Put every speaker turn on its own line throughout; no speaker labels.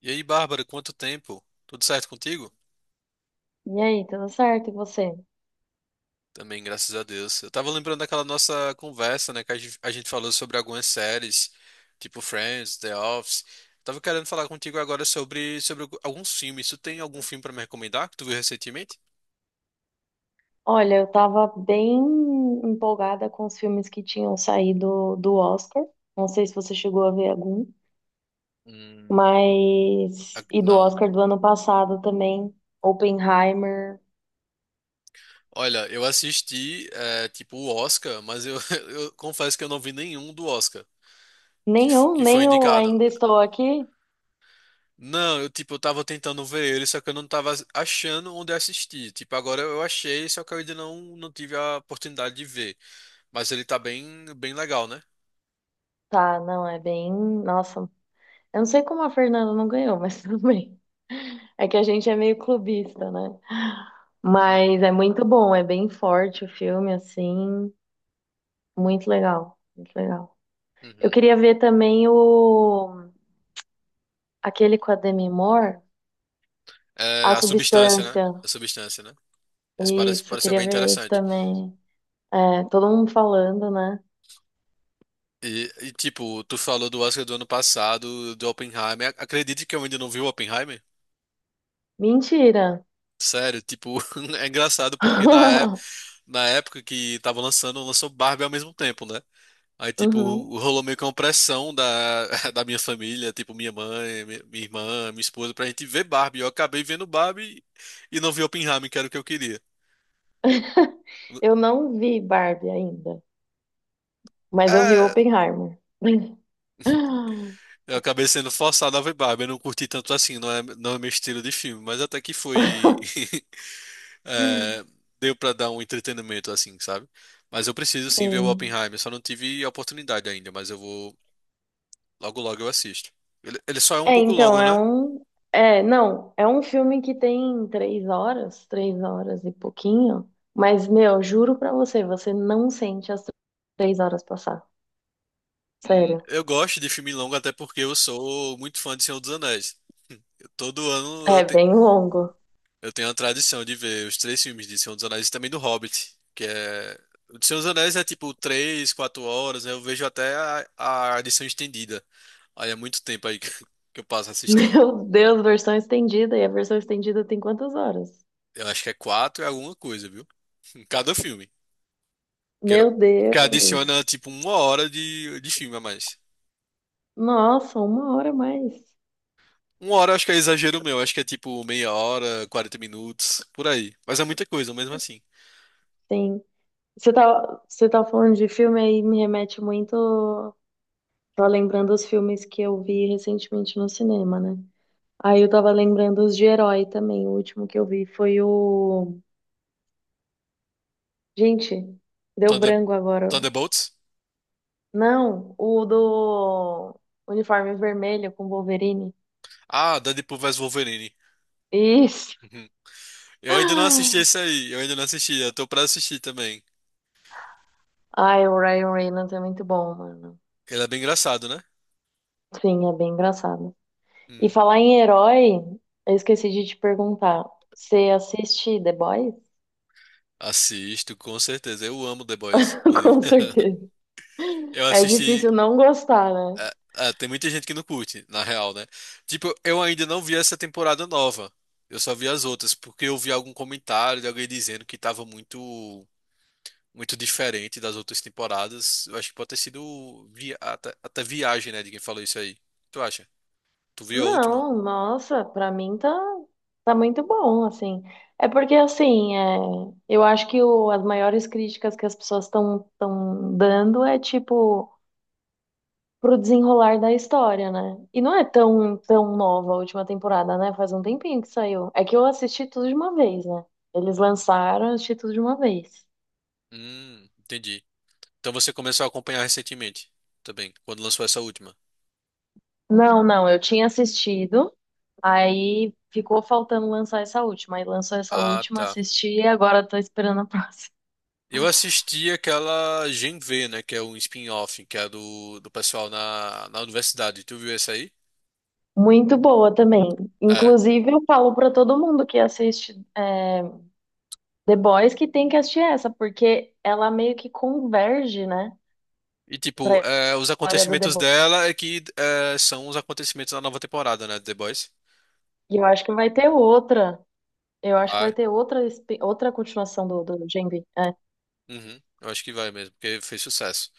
E aí, Bárbara, quanto tempo? Tudo certo contigo?
E aí, tudo certo? E você?
Também, graças a Deus. Eu tava lembrando daquela nossa conversa, né, que a gente falou sobre algumas séries, tipo Friends, The Office. Tava querendo falar contigo agora sobre alguns filmes. Tu tem algum filme pra me recomendar que tu viu recentemente?
Olha, eu tava bem empolgada com os filmes que tinham saído do Oscar. Não sei se você chegou a ver algum,
Hum.
mas. E do
Não.
Oscar do ano passado também. Oppenheimer.
Olha, eu assisti, é, tipo, o Oscar, mas eu, eu confesso que eu não vi nenhum do Oscar que, fo-
Nenhum,
que foi
nem o
indicado.
Ainda Estou Aqui.
Não, eu tipo, eu tava tentando ver ele, só que eu não tava achando onde assistir. Tipo, agora eu achei, só que eu ainda não tive a oportunidade de ver. Mas ele tá bem, bem legal, né?
Tá, não, é bem. Nossa, eu não sei como a Fernanda não ganhou, mas tudo bem. É que a gente é meio clubista, né?
Uhum,
Mas é muito bom, é bem forte o filme, assim. Muito legal, muito legal. Eu
uhum.
queria ver também o aquele com a Demi Moore,
É,
A
a substância, né?
Substância.
A substância, né? Isso parece,
Isso, eu
parece ser
queria
bem
ver esse
interessante.
também. É, todo mundo falando, né?
E, tipo, tu falou do Oscar do ano passado, do Oppenheimer. Acredite que eu ainda não vi o Oppenheimer?
Mentira.
Sério, tipo, é engraçado porque na época, na época que tava lançando, lançou Barbie ao mesmo tempo, né? Aí, tipo,
Uhum.
rolou meio que uma pressão da, da minha família, tipo, minha mãe, minha irmã, minha esposa, pra gente ver Barbie. Eu acabei vendo Barbie e não vi Oppenheimer, que era o que eu queria.
Eu não vi Barbie ainda, mas eu vi
É,
Oppenheimer.
eu acabei sendo forçado a ver Barbie. Eu não curti tanto assim, não é meu estilo de filme, mas até que foi. É, deu pra dar um entretenimento, assim, sabe? Mas eu preciso sim ver o
Sim.
Oppenheimer, só não tive a oportunidade ainda, mas eu vou. Logo, logo eu assisto. Ele só é um
É,
pouco
então,
longo,
é
né?
um. É, não, é um filme que tem três horas e pouquinho, mas, meu, juro pra você, você não sente as três horas passar. Sério.
Eu gosto de filme longo até porque eu sou muito fã de Senhor dos Anéis. Todo ano eu,
É
te-
bem longo.
eu tenho a tradição de ver os três filmes de Senhor dos Anéis e também do Hobbit, que é... O de Senhor dos Anéis é tipo 3, 4 horas, né? Eu vejo até a edição estendida. Aí é muito tempo aí que que eu passo assistindo.
Meu Deus, versão estendida. E a versão estendida tem quantas horas?
Eu acho que é quatro e alguma coisa, viu? Em cada filme. Que, eu-
Meu
que adiciona
Deus.
tipo uma hora de filme a mais.
Nossa, uma hora a mais.
Uma hora eu acho que é exagero meu, acho que é tipo meia hora, 40 minutos, por aí. Mas é muita coisa, mesmo assim.
Sim. Você tá falando de filme aí, me remete muito. Tô lembrando os filmes que eu vi recentemente no cinema, né? Aí eu tava lembrando os de herói também. O último que eu vi foi o. Gente, deu
Thunder...
branco agora.
Thunderbolts?
Não, o do uniforme vermelho com Wolverine.
Ah, Deadpool vs Wolverine.
Isso!
Uhum. Eu ainda não assisti esse aí, eu ainda não assisti, eu tô pra assistir também.
Ai, o Ryan Reynolds é muito bom, mano.
Ele é bem engraçado, né?
Sim, é bem engraçado. E
Hum.
falar em herói, eu esqueci de te perguntar. Você assiste The Boys?
Assisto, com certeza. Eu amo The Boys, inclusive.
Com certeza.
Eu
É
assisti.
difícil não gostar, né?
Ah, ah, tem muita gente que não curte, na real, né? Tipo, eu ainda não vi essa temporada nova. Eu só vi as outras, porque eu vi algum comentário de alguém dizendo que tava muito. Muito diferente das outras temporadas. Eu acho que pode ter sido até viagem, né, de quem falou isso aí. Tu acha? Tu viu a última?
Não, nossa, pra mim tá, tá muito bom, assim. É porque, assim, é, eu acho que as maiores críticas que as pessoas estão dando é, tipo, pro desenrolar da história, né? E não é tão, tão nova a última temporada, né? Faz um tempinho que saiu. É que eu assisti tudo de uma vez, né? Eles lançaram, eu assisti tudo de uma vez.
Entendi. Então você começou a acompanhar recentemente também, quando lançou essa última.
Não, não, eu tinha assistido, aí ficou faltando lançar essa última. Aí lançou essa
Ah,
última,
tá.
assisti e agora tô esperando a próxima.
Eu assisti aquela Gen V, né, que é um spin-off, que é do pessoal na universidade. Tu viu essa aí?
Muito boa também.
É.
Inclusive, eu falo para todo mundo que assiste é, The Boys que tem que assistir essa, porque ela meio que converge, né,
E tipo,
para
é, os
história do The
acontecimentos
Boys.
dela é que é, são os acontecimentos da nova temporada, né, de The Boys.
E eu acho que vai ter outra. Eu acho que vai
Vai.
ter outra, espi- outra continuação do Gen V. É.
Uhum. Eu acho que vai mesmo, porque fez sucesso.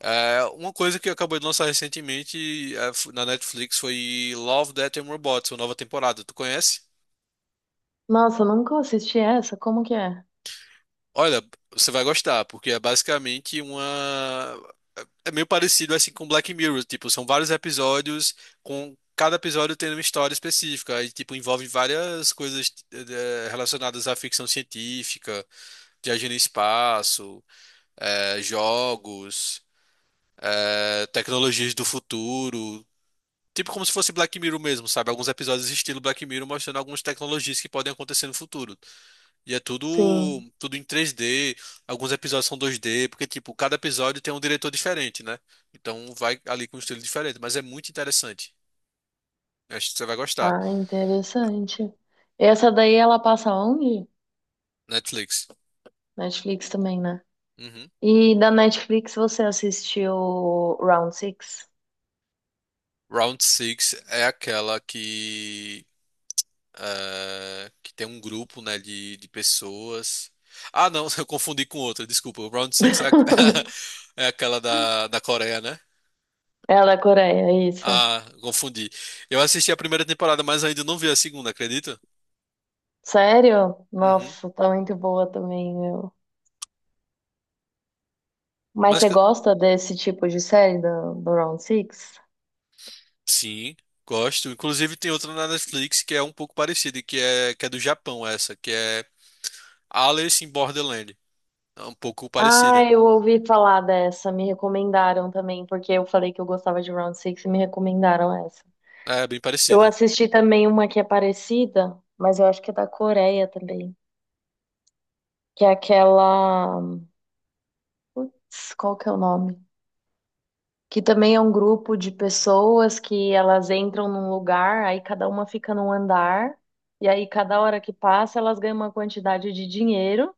É, uma coisa que acabou de lançar recentemente é, na Netflix foi Love, Death and Robots, a nova temporada. Tu conhece?
Nossa, eu nunca assisti essa. Como que é?
Olha, você vai gostar, porque é basicamente uma. É meio parecido assim com Black Mirror, tipo, são vários episódios, com cada episódio tendo uma história específica, e tipo, envolve várias coisas relacionadas à ficção científica, viagem no espaço, jogos, tecnologias do futuro. Tipo como se fosse Black Mirror mesmo, sabe? Alguns episódios estilo Black Mirror mostrando algumas tecnologias que podem acontecer no futuro. E é tudo
Sim.
tudo em 3D, alguns episódios são 2D porque tipo, cada episódio tem um diretor diferente, né? Então vai ali com um estilo diferente, mas é muito interessante. Acho que você vai gostar.
Ah, interessante. Essa daí ela passa onde?
Netflix.
Netflix também, né?
Uhum.
E da Netflix você assistiu Round Six?
Round Six é aquela que que tem um grupo, né, de pessoas. Ah, não, eu confundi com outra, desculpa. O Round Six é, é aquela da, da Coreia, né?
É da Coreia, isso.
Ah, confundi. Eu assisti a primeira temporada, mas ainda não vi a segunda, acredita?
Sério?
Uhum.
Nossa, tá muito boa também, meu. Mas
Mas
você
que-
gosta desse tipo de série do Round Six?
sim, gosto. Inclusive tem outra na Netflix que é um pouco parecida, que é do Japão essa, que é Alice in Borderland. É um pouco
Ah,
parecida.
eu ouvi falar dessa, me recomendaram também, porque eu falei que eu gostava de Round Six e me recomendaram essa.
É bem
Eu
parecida.
assisti também uma que é parecida, mas eu acho que é da Coreia também, que é aquela... Qual que é o nome? Que também é um grupo de pessoas que elas entram num lugar, aí cada uma fica num andar, e aí cada hora que passa elas ganham uma quantidade de dinheiro,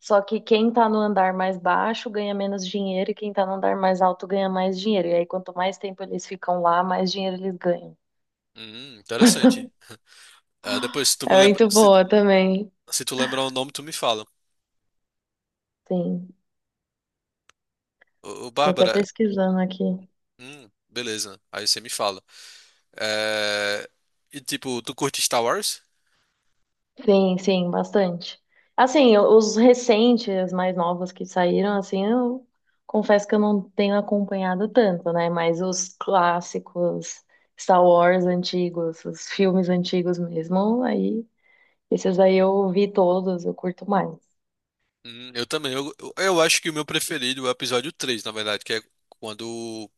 só que quem tá no andar mais baixo ganha menos dinheiro e quem tá no andar mais alto ganha mais dinheiro. E aí quanto mais tempo eles ficam lá, mais dinheiro eles ganham.
Interessante. Ah, depois, se tu me
É
lembra,
muito
se,
boa também.
se tu lembrar o nome, tu me fala.
Sim,
Ô, ô,
tô até
Bárbara,
pesquisando aqui.
beleza. Aí você me fala. É, e tipo, tu curte Star Wars?
Sim, sim, bastante. Assim, os recentes, mais novos que saíram, assim, eu confesso que eu não tenho acompanhado tanto, né? Mas os clássicos, Star Wars antigos, os filmes antigos mesmo, aí, esses aí eu vi todos, eu curto mais.
Eu também. Eu acho que o meu preferido é o episódio três, na verdade, que é quando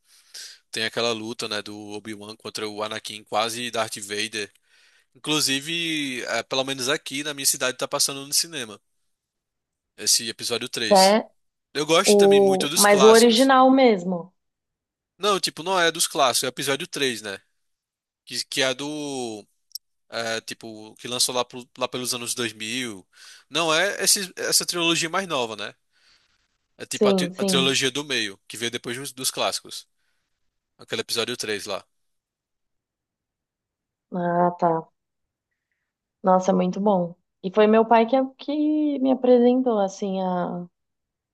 tem aquela luta, né, do Obi-Wan contra o Anakin, quase Darth Vader. Inclusive, é, pelo menos aqui na minha cidade tá passando no cinema esse episódio três.
É
Eu gosto também muito
o,
dos
mas o
clássicos.
original mesmo.
Não, tipo, não é dos clássicos, é o episódio três, né? Que é do. É, tipo, que lançou lá, lá pelos anos 2000. Não é esse, essa trilogia mais nova, né? É tipo a, tri-
Sim,
a
sim.
trilogia do meio, que veio depois dos clássicos. Aquele episódio 3 lá.
Ah, tá. Nossa, é muito bom. E foi meu pai que me apresentou, assim, a,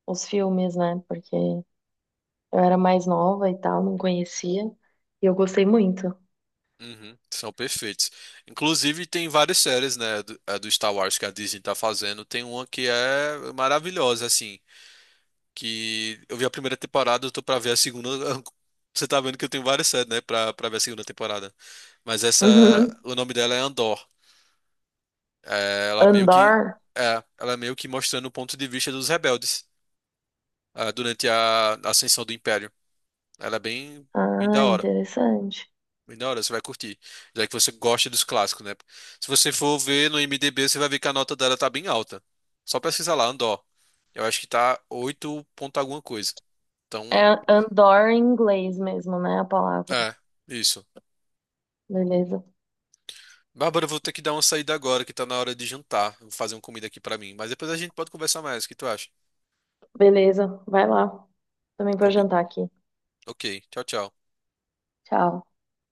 os filmes, né? Porque eu era mais nova e tal, não conhecia. E eu gostei muito.
Uhum, são perfeitos. Inclusive, tem várias séries, né, do, a do Star Wars que a Disney tá fazendo. Tem uma que é maravilhosa, assim, que eu vi a primeira temporada, eu tô pra ver a segunda. Você tá vendo que eu tenho várias séries, né, pra ver a segunda temporada. Mas essa,
Uhum.
o nome dela é Andor. É, ela meio que,
Andor?
É, ela é meio que mostrando o ponto de vista dos rebeldes. Ah, durante a ascensão do Império. Ela é bem, bem da
Ah,
hora.
interessante.
Bem da hora, você vai curtir. Já que você gosta dos clássicos, né? Se você for ver no IMDb, você vai ver que a nota dela tá bem alta. Só pesquisar lá, Andor. Eu acho que tá 8 ponto alguma coisa. Então,
É Andor em inglês mesmo, né? A palavra.
é, isso.
Beleza.
Bárbara, eu vou ter que dar uma saída agora, que tá na hora de jantar. Vou fazer uma comida aqui pra mim. Mas depois a gente pode conversar mais. O que tu acha?
Beleza, vai lá. Também vou
Combi...
jantar aqui.
Ok, tchau, tchau.
Tchau.